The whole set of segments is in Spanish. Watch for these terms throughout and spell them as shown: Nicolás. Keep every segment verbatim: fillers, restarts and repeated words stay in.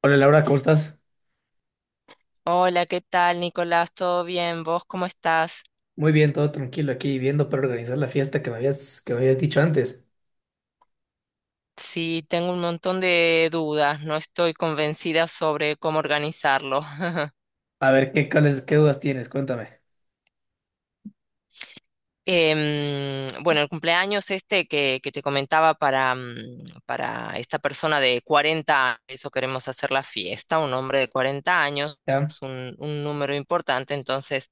Hola Laura, ¿cómo estás? Hola, ¿qué tal, Nicolás? ¿Todo bien? ¿Vos cómo estás? Muy bien, todo tranquilo aquí viendo para organizar la fiesta que me habías, que me habías dicho antes. Sí, tengo un montón de dudas, no estoy convencida sobre cómo organizarlo. A ver, ¿qué, cuáles, qué dudas tienes? Cuéntame. Em, bueno, el cumpleaños este que, que te comentaba para, mm, para esta persona de cuarenta, eso queremos hacer la fiesta, un hombre de cuarenta años, ¿Ya? es un, un número importante, entonces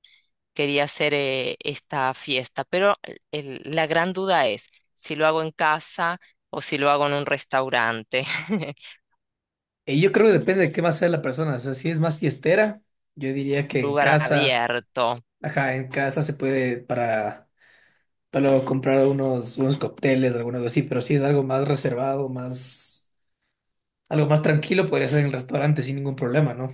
quería hacer eh, esta fiesta, pero el- la gran duda es si lo hago en casa o si lo hago en un restaurante. Y yo creo que depende de qué más sea la persona. O sea, si es más fiestera, yo diría que en Lugar casa, abierto. ajá, en casa se puede para, para luego comprar unos, unos cócteles, alguna cosa así, pero si es algo más reservado, más, algo más tranquilo, podría ser en el restaurante sin ningún problema, ¿no?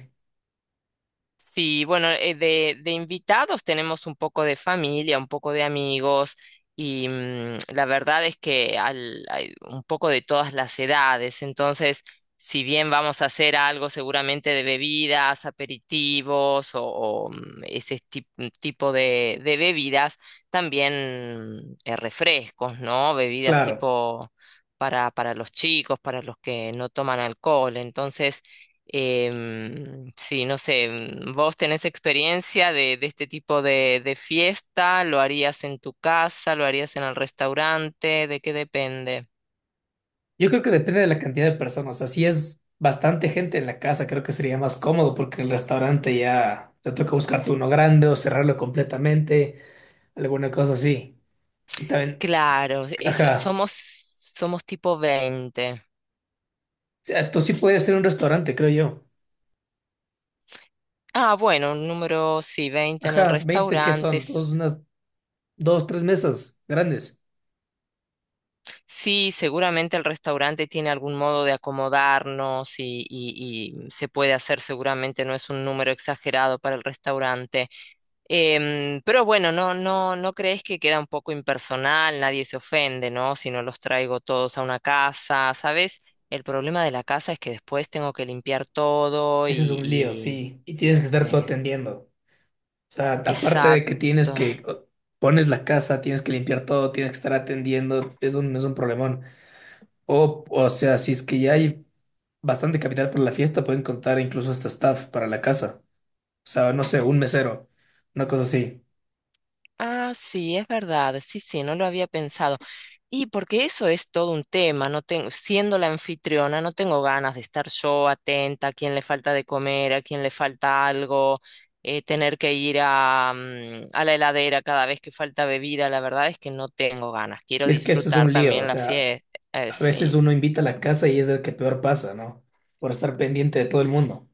Sí, bueno, eh, de, de invitados tenemos un poco de familia, un poco de amigos y mm, la verdad es que al- hay un poco de todas las edades. Entonces, si bien vamos a hacer algo seguramente de bebidas, aperitivos o, o, mm, ese tip- mm, tipo de, de bebidas, también eh, refrescos, ¿no? Bebidas Claro. tipo para, para los chicos, para los que no toman alcohol. Entonces, Em, sí, no sé, mm, ¿vos tenés experiencia de, de este tipo de, de fiesta? ¿Lo harías en tu casa? ¿Lo harías en el restaurante? ¿De qué depende? Yo creo que depende de la cantidad de personas. Así es bastante gente en la casa, creo que sería más cómodo porque el restaurante ya te toca buscarte uno grande o cerrarlo completamente, alguna cosa así. Y también, Claro, eso, ajá, somos, somos tipo veinte. o sea, tú sí podrías ser un restaurante, creo yo. Ah, bueno, un número, sí, veinte en el Ajá, veinte, que restaurante, son, dos, unas, dos, tres mesas grandes. Sí, seguramente el restaurante tiene algún modo de acomodarnos y, y- y se puede hacer, seguramente no es un número exagerado para el restaurante. Em, pero bueno, no, no, no crees que queda un poco impersonal, nadie se ofende, ¿no? Si no los traigo todos a una casa, ¿sabes? El problema de la casa es que después tengo que limpiar todo y, Ese es un lío, y, sí. Y tienes que estar tú eh, atendiendo. O sea, aparte de que tienes exacto. que, o- pones la casa, tienes que limpiar todo, tienes que estar atendiendo, es un, es un problemón. O, o sea, si es que ya hay bastante capital para la fiesta, pueden contar incluso hasta staff para la casa. O sea, no sé, un mesero, una cosa así. Ah, sí, es verdad, sí, sí, no lo había pensado. Y porque eso es todo un tema, no tengo, siendo la anfitriona, no tengo ganas de estar yo atenta a quién le falta de comer, a quién le falta algo, eh, tener que ir a, mm, a la heladera cada vez que falta bebida, la verdad es que no tengo ganas, quiero Y es que eso es disfrutar un lío, o también la sea, fiesta. a veces uno invita a la casa y es el que peor pasa, ¿no? Por estar pendiente de todo el mundo.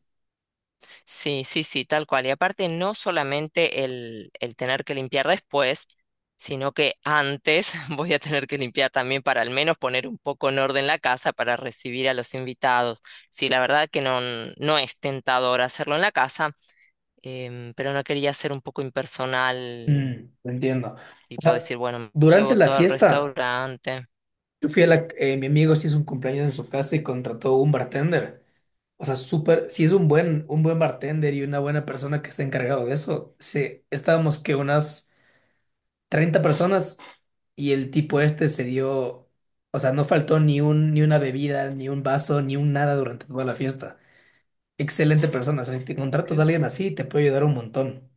Sí, sí, sí, tal cual. Y aparte, no solamente el, el tener que limpiar después, sino que antes voy a tener que limpiar también para al menos poner un poco en orden la casa para recibir a los invitados. Sí, la verdad que no, no es tentador hacerlo en la casa, em, pero no quería ser un poco impersonal, Mm, entiendo. O tipo sea, decir, bueno, durante llevo la todo al fiesta, restaurante. yo fui a la, eh, mi amigo se hizo un cumpleaños en su casa y contrató un bartender. O sea, súper, si es un buen, un buen bartender y una buena persona que está encargado de eso, sí, estábamos que unas treinta personas y el tipo este se dio, o sea, no faltó ni un, ni una bebida, ni un vaso, ni un nada durante toda la fiesta. Excelente persona, o sea, si te contratas Qué a alguien bueno. así, te puede ayudar un montón.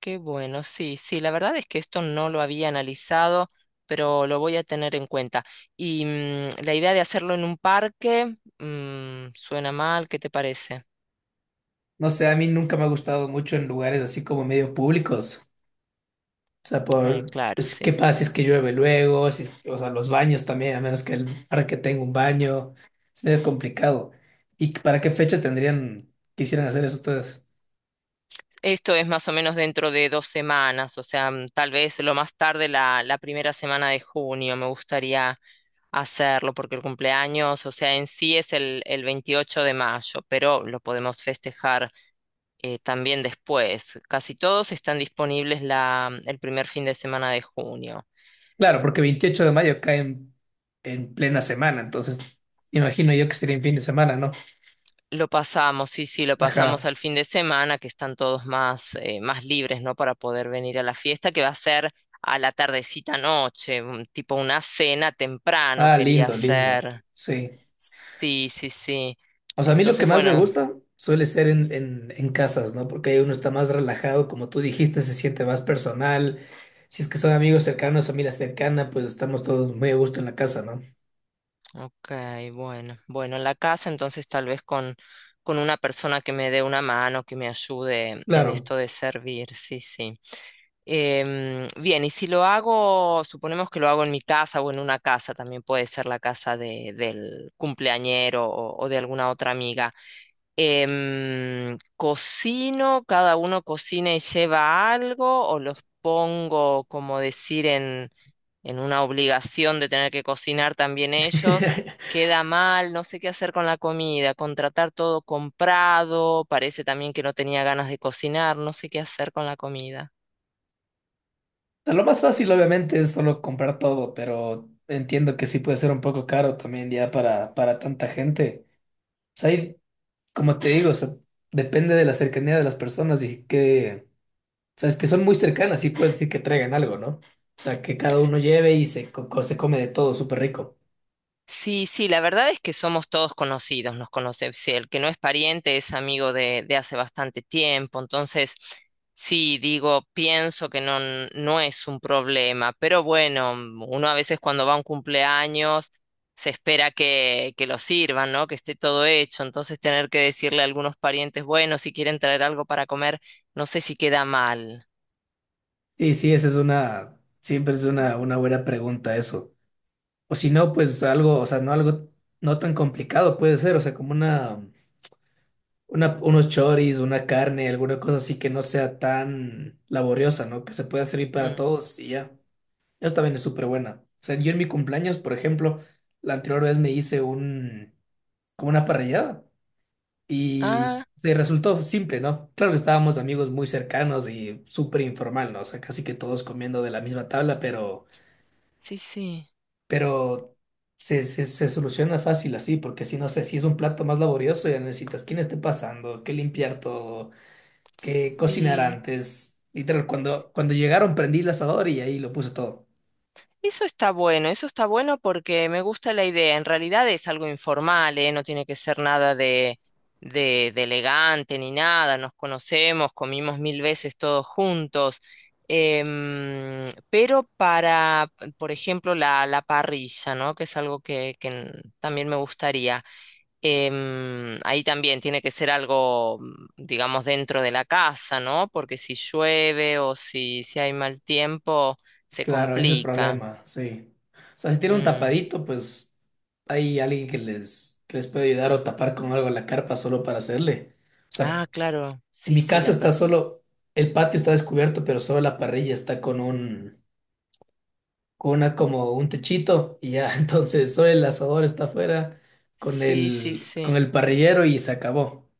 Qué bueno, sí, sí, la verdad es que esto no lo había analizado, pero lo voy a tener en cuenta. Y mm, la idea de hacerlo en un parque, mm, suena mal, ¿qué te parece? No sé, a mí nunca me ha gustado mucho en lugares así como medio públicos. O sea, Eh, por, claro, pues, ¿qué sí. pasa si es que llueve luego? Si es- O sea, los baños también, a menos que el parque tenga un baño. Es medio complicado. ¿Y para qué fecha tendrían, quisieran hacer eso ustedes? Esto es más o menos dentro de dos semanas, o sea, mm, tal vez lo más tarde la, la primera semana de junio me gustaría hacerlo, porque el cumpleaños, o sea, en sí es el, el veintiocho de mayo, pero lo podemos festejar eh, también después. Casi todos están disponibles la, mm, el primer fin de semana de junio. Claro, porque veintiocho de mayo cae en, en plena semana, entonces imagino yo que sería en fin de semana, ¿no? Lo pasamos, sí, sí, lo pasamos Ajá. al fin de semana, que están todos más, eh, más libres, ¿no? Para poder venir a la fiesta, que va a ser a la tardecita noche, un- tipo una cena temprano Ah, quería lindo, lindo. hacer. Sí. Sí, sí, sí. O sea, a mí lo que Entonces, más me bueno, gusta suele ser en, en, en, casas, ¿no? Porque ahí uno está más relajado, como tú dijiste, se siente más personal. Si es que son amigos cercanos, familia cercana, pues estamos todos muy a gusto en la casa, ¿no? ok, bueno, bueno, en la casa entonces tal vez con, con una persona que me dé una mano, que me ayude en Claro. esto de servir, sí, sí. Em, bien, y si lo hago, suponemos que lo hago en mi casa o en una casa, también puede ser la casa de, del cumpleañero o, o de alguna otra amiga. Em, cocino, cada uno cocina y lleva algo, o los pongo, como decir, en, en una obligación de tener que cocinar también ellos. Queda mal, no sé qué hacer con la comida, contratar todo comprado, parece también que no tenía ganas de cocinar, no sé qué hacer con la comida. O sea, lo más fácil, obviamente, es solo comprar todo, pero entiendo que sí puede ser un poco caro también ya para, para tanta gente. O sea, hay como te digo, o sea, depende de la cercanía de las personas y que, sabes que son muy cercanas, y pueden decir que traigan algo, ¿no? O sea, que cada uno lleve y se, co- co- se come de todo, súper rico. Sí, sí, la verdad es que somos todos conocidos, nos conocemos. Sí, el que no es pariente es amigo de, de hace bastante tiempo. Entonces, sí, digo, pienso que no, n- no es un problema. Pero bueno, mm, uno a veces cuando va a un cumpleaños se espera que, que lo sirvan, ¿no? Que esté todo hecho. Entonces, tener que decirle a algunos parientes, bueno, si quieren traer algo para comer, no sé si queda mal. Sí, sí, esa es una, siempre es una, una buena pregunta eso. O si no, pues algo, o sea, no algo no tan complicado puede ser, o sea, como una, una, unos choris, una carne, alguna cosa así que no sea tan laboriosa, ¿no? Que se pueda servir para Mm. todos y ya. Esa también es súper buena. O sea, yo en mi cumpleaños, por ejemplo, la anterior vez me hice un, como una parrillada y Ah, se resultó simple, ¿no? Claro que estábamos amigos muy cercanos y súper informal, ¿no? O sea, casi que todos comiendo de la misma tabla, pero, sí, sí. pero se, se, se soluciona fácil así, porque si no sé, si es un plato más laborioso, ya necesitas quién esté pasando, qué limpiar todo, qué cocinar Sí. antes. Literal, cuando, cuando llegaron prendí el asador y ahí lo puse todo. Eso está bueno, eso está bueno porque me gusta la idea. En realidad es algo informal, ¿eh? No tiene que ser nada de, de, de elegante ni nada. Nos conocemos, comimos mil veces todos juntos. Em, pero para, por ejemplo, la, la parrilla, ¿no? Que es algo que, que n- también me gustaría. Em, ahí también tiene que ser algo, mm, digamos, dentro de la casa, ¿no? Porque si llueve o si, si hay mal tiempo, se Claro, ese es el complica. problema, sí. O sea, si tiene un Mm, tapadito, pues hay alguien que les, que les puede ayudar o tapar con algo la carpa solo para hacerle. O sea, Ah, claro, en sí, mi sí, casa la está pers solo, el patio está descubierto, pero solo la parrilla está con un, con una como un techito y ya, entonces solo el asador está afuera con sí, sí, el, con sí. el parrillero y se acabó.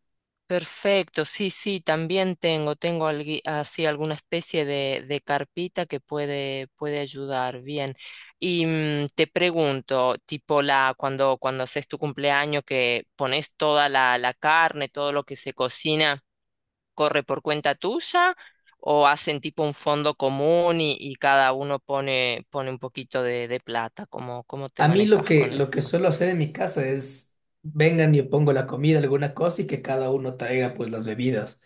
Perfecto, sí, sí, también tengo, tengo algui- así alguna especie de, de carpita que puede, puede ayudar, bien. Y mm, te pregunto, tipo la, cuando, cuando haces tu cumpleaños, que pones toda la, la carne, todo lo que se cocina, ¿corre por cuenta tuya? ¿O hacen tipo un fondo común y, y cada uno pone, pone un poquito de, de plata? ¿Cómo, cómo te A mí lo manejas que, con lo que eso? suelo hacer en mi casa es, vengan y yo pongo la comida, alguna cosa y que cada uno traiga pues las bebidas.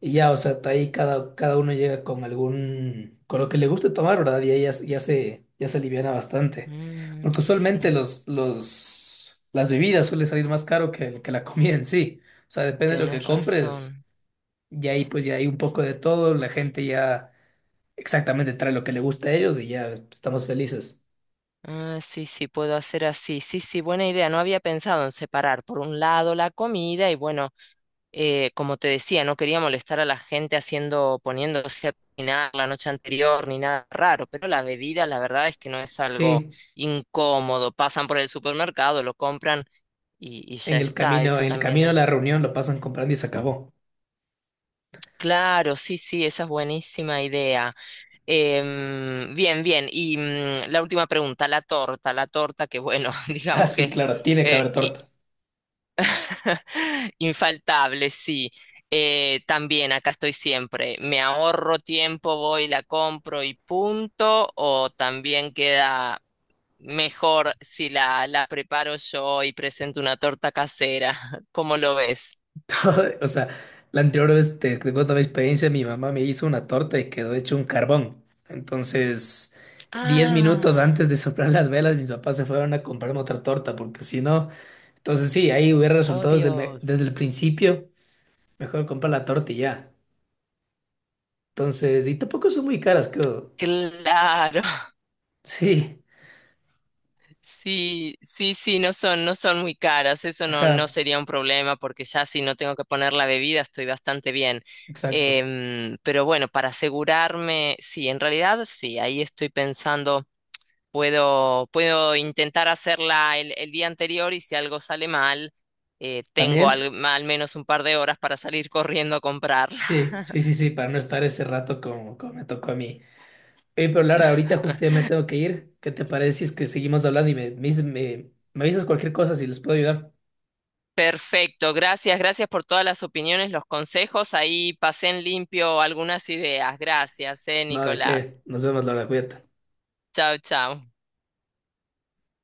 Y ya, o sea, está ahí cada, cada uno llega con algún, con lo que le guste tomar, ¿verdad? Y ahí ya, ya se, ya se aliviana bastante. Mm, Porque usualmente sí, los, los, las bebidas suele salir más caro que, que la comida en sí. O sea, depende de lo que tenés compres. razón. Y ahí pues ya hay un poco de todo, la gente ya exactamente trae lo que le gusta a ellos y ya estamos felices. Ah, sí, sí, puedo hacer así. Sí, sí, buena idea. No había pensado en separar por un lado la comida y bueno, eh, como te decía, no quería molestar a la gente haciendo, poniéndose a cocinar la noche anterior ni nada raro, pero la bebida, la verdad es que no es algo Sí, incómodo. Pasan por el supermercado, lo compran y, y ya en el está. camino, Eso en el también camino a es... la reunión lo pasan comprando y se acabó. Claro, sí, sí, esa es buenísima idea. Em, bien, bien. Y mm, la última pregunta, la torta, la torta, que bueno, Ah, digamos que sí, es claro, tiene que eh, haber i- torta. infaltable, sí. Eh, también acá estoy siempre. ¿Me ahorro tiempo, voy, la compro y punto? ¿O también queda mejor si la, la preparo yo y presento una torta casera? ¿Cómo lo ves? O sea, la anterior vez te, te cuento mi experiencia, mi mamá me hizo una torta y quedó hecho un carbón. Entonces, diez minutos antes Ah, de soplar las velas, mis papás se fueron a comprarme otra torta, porque si no, entonces sí, ahí hubiera oh resultado desde el, me- desde Dios. el principio, mejor comprar la torta y ya. Entonces, y tampoco son muy caras, creo. Claro. Sí, Sí, sí, sí, no son, no son muy caras, eso no, no ajá, sería un problema porque ya si no tengo que poner la bebida estoy bastante bien. exacto. Em, pero bueno, para asegurarme, sí, en realidad sí, ahí estoy pensando, puedo, puedo intentar hacerla el, el día anterior y si algo sale mal, eh, tengo ¿También? al, al menos un par de horas para salir corriendo a comprarla. Sí, sí, sí, sí, para no estar ese rato como, como me tocó a mí. Eh, pero Lara, ahorita justo ya me tengo que ir. ¿Qué te parece si es que seguimos hablando y me, me, dices- me me avisas cualquier cosa si les puedo ayudar? Perfecto, gracias, gracias por todas las opiniones, los consejos. Ahí pasé en limpio algunas ideas. Gracias, eh, Nada de Nicolás. qué. Nos vemos, Lara, cuídate. Chao, chao.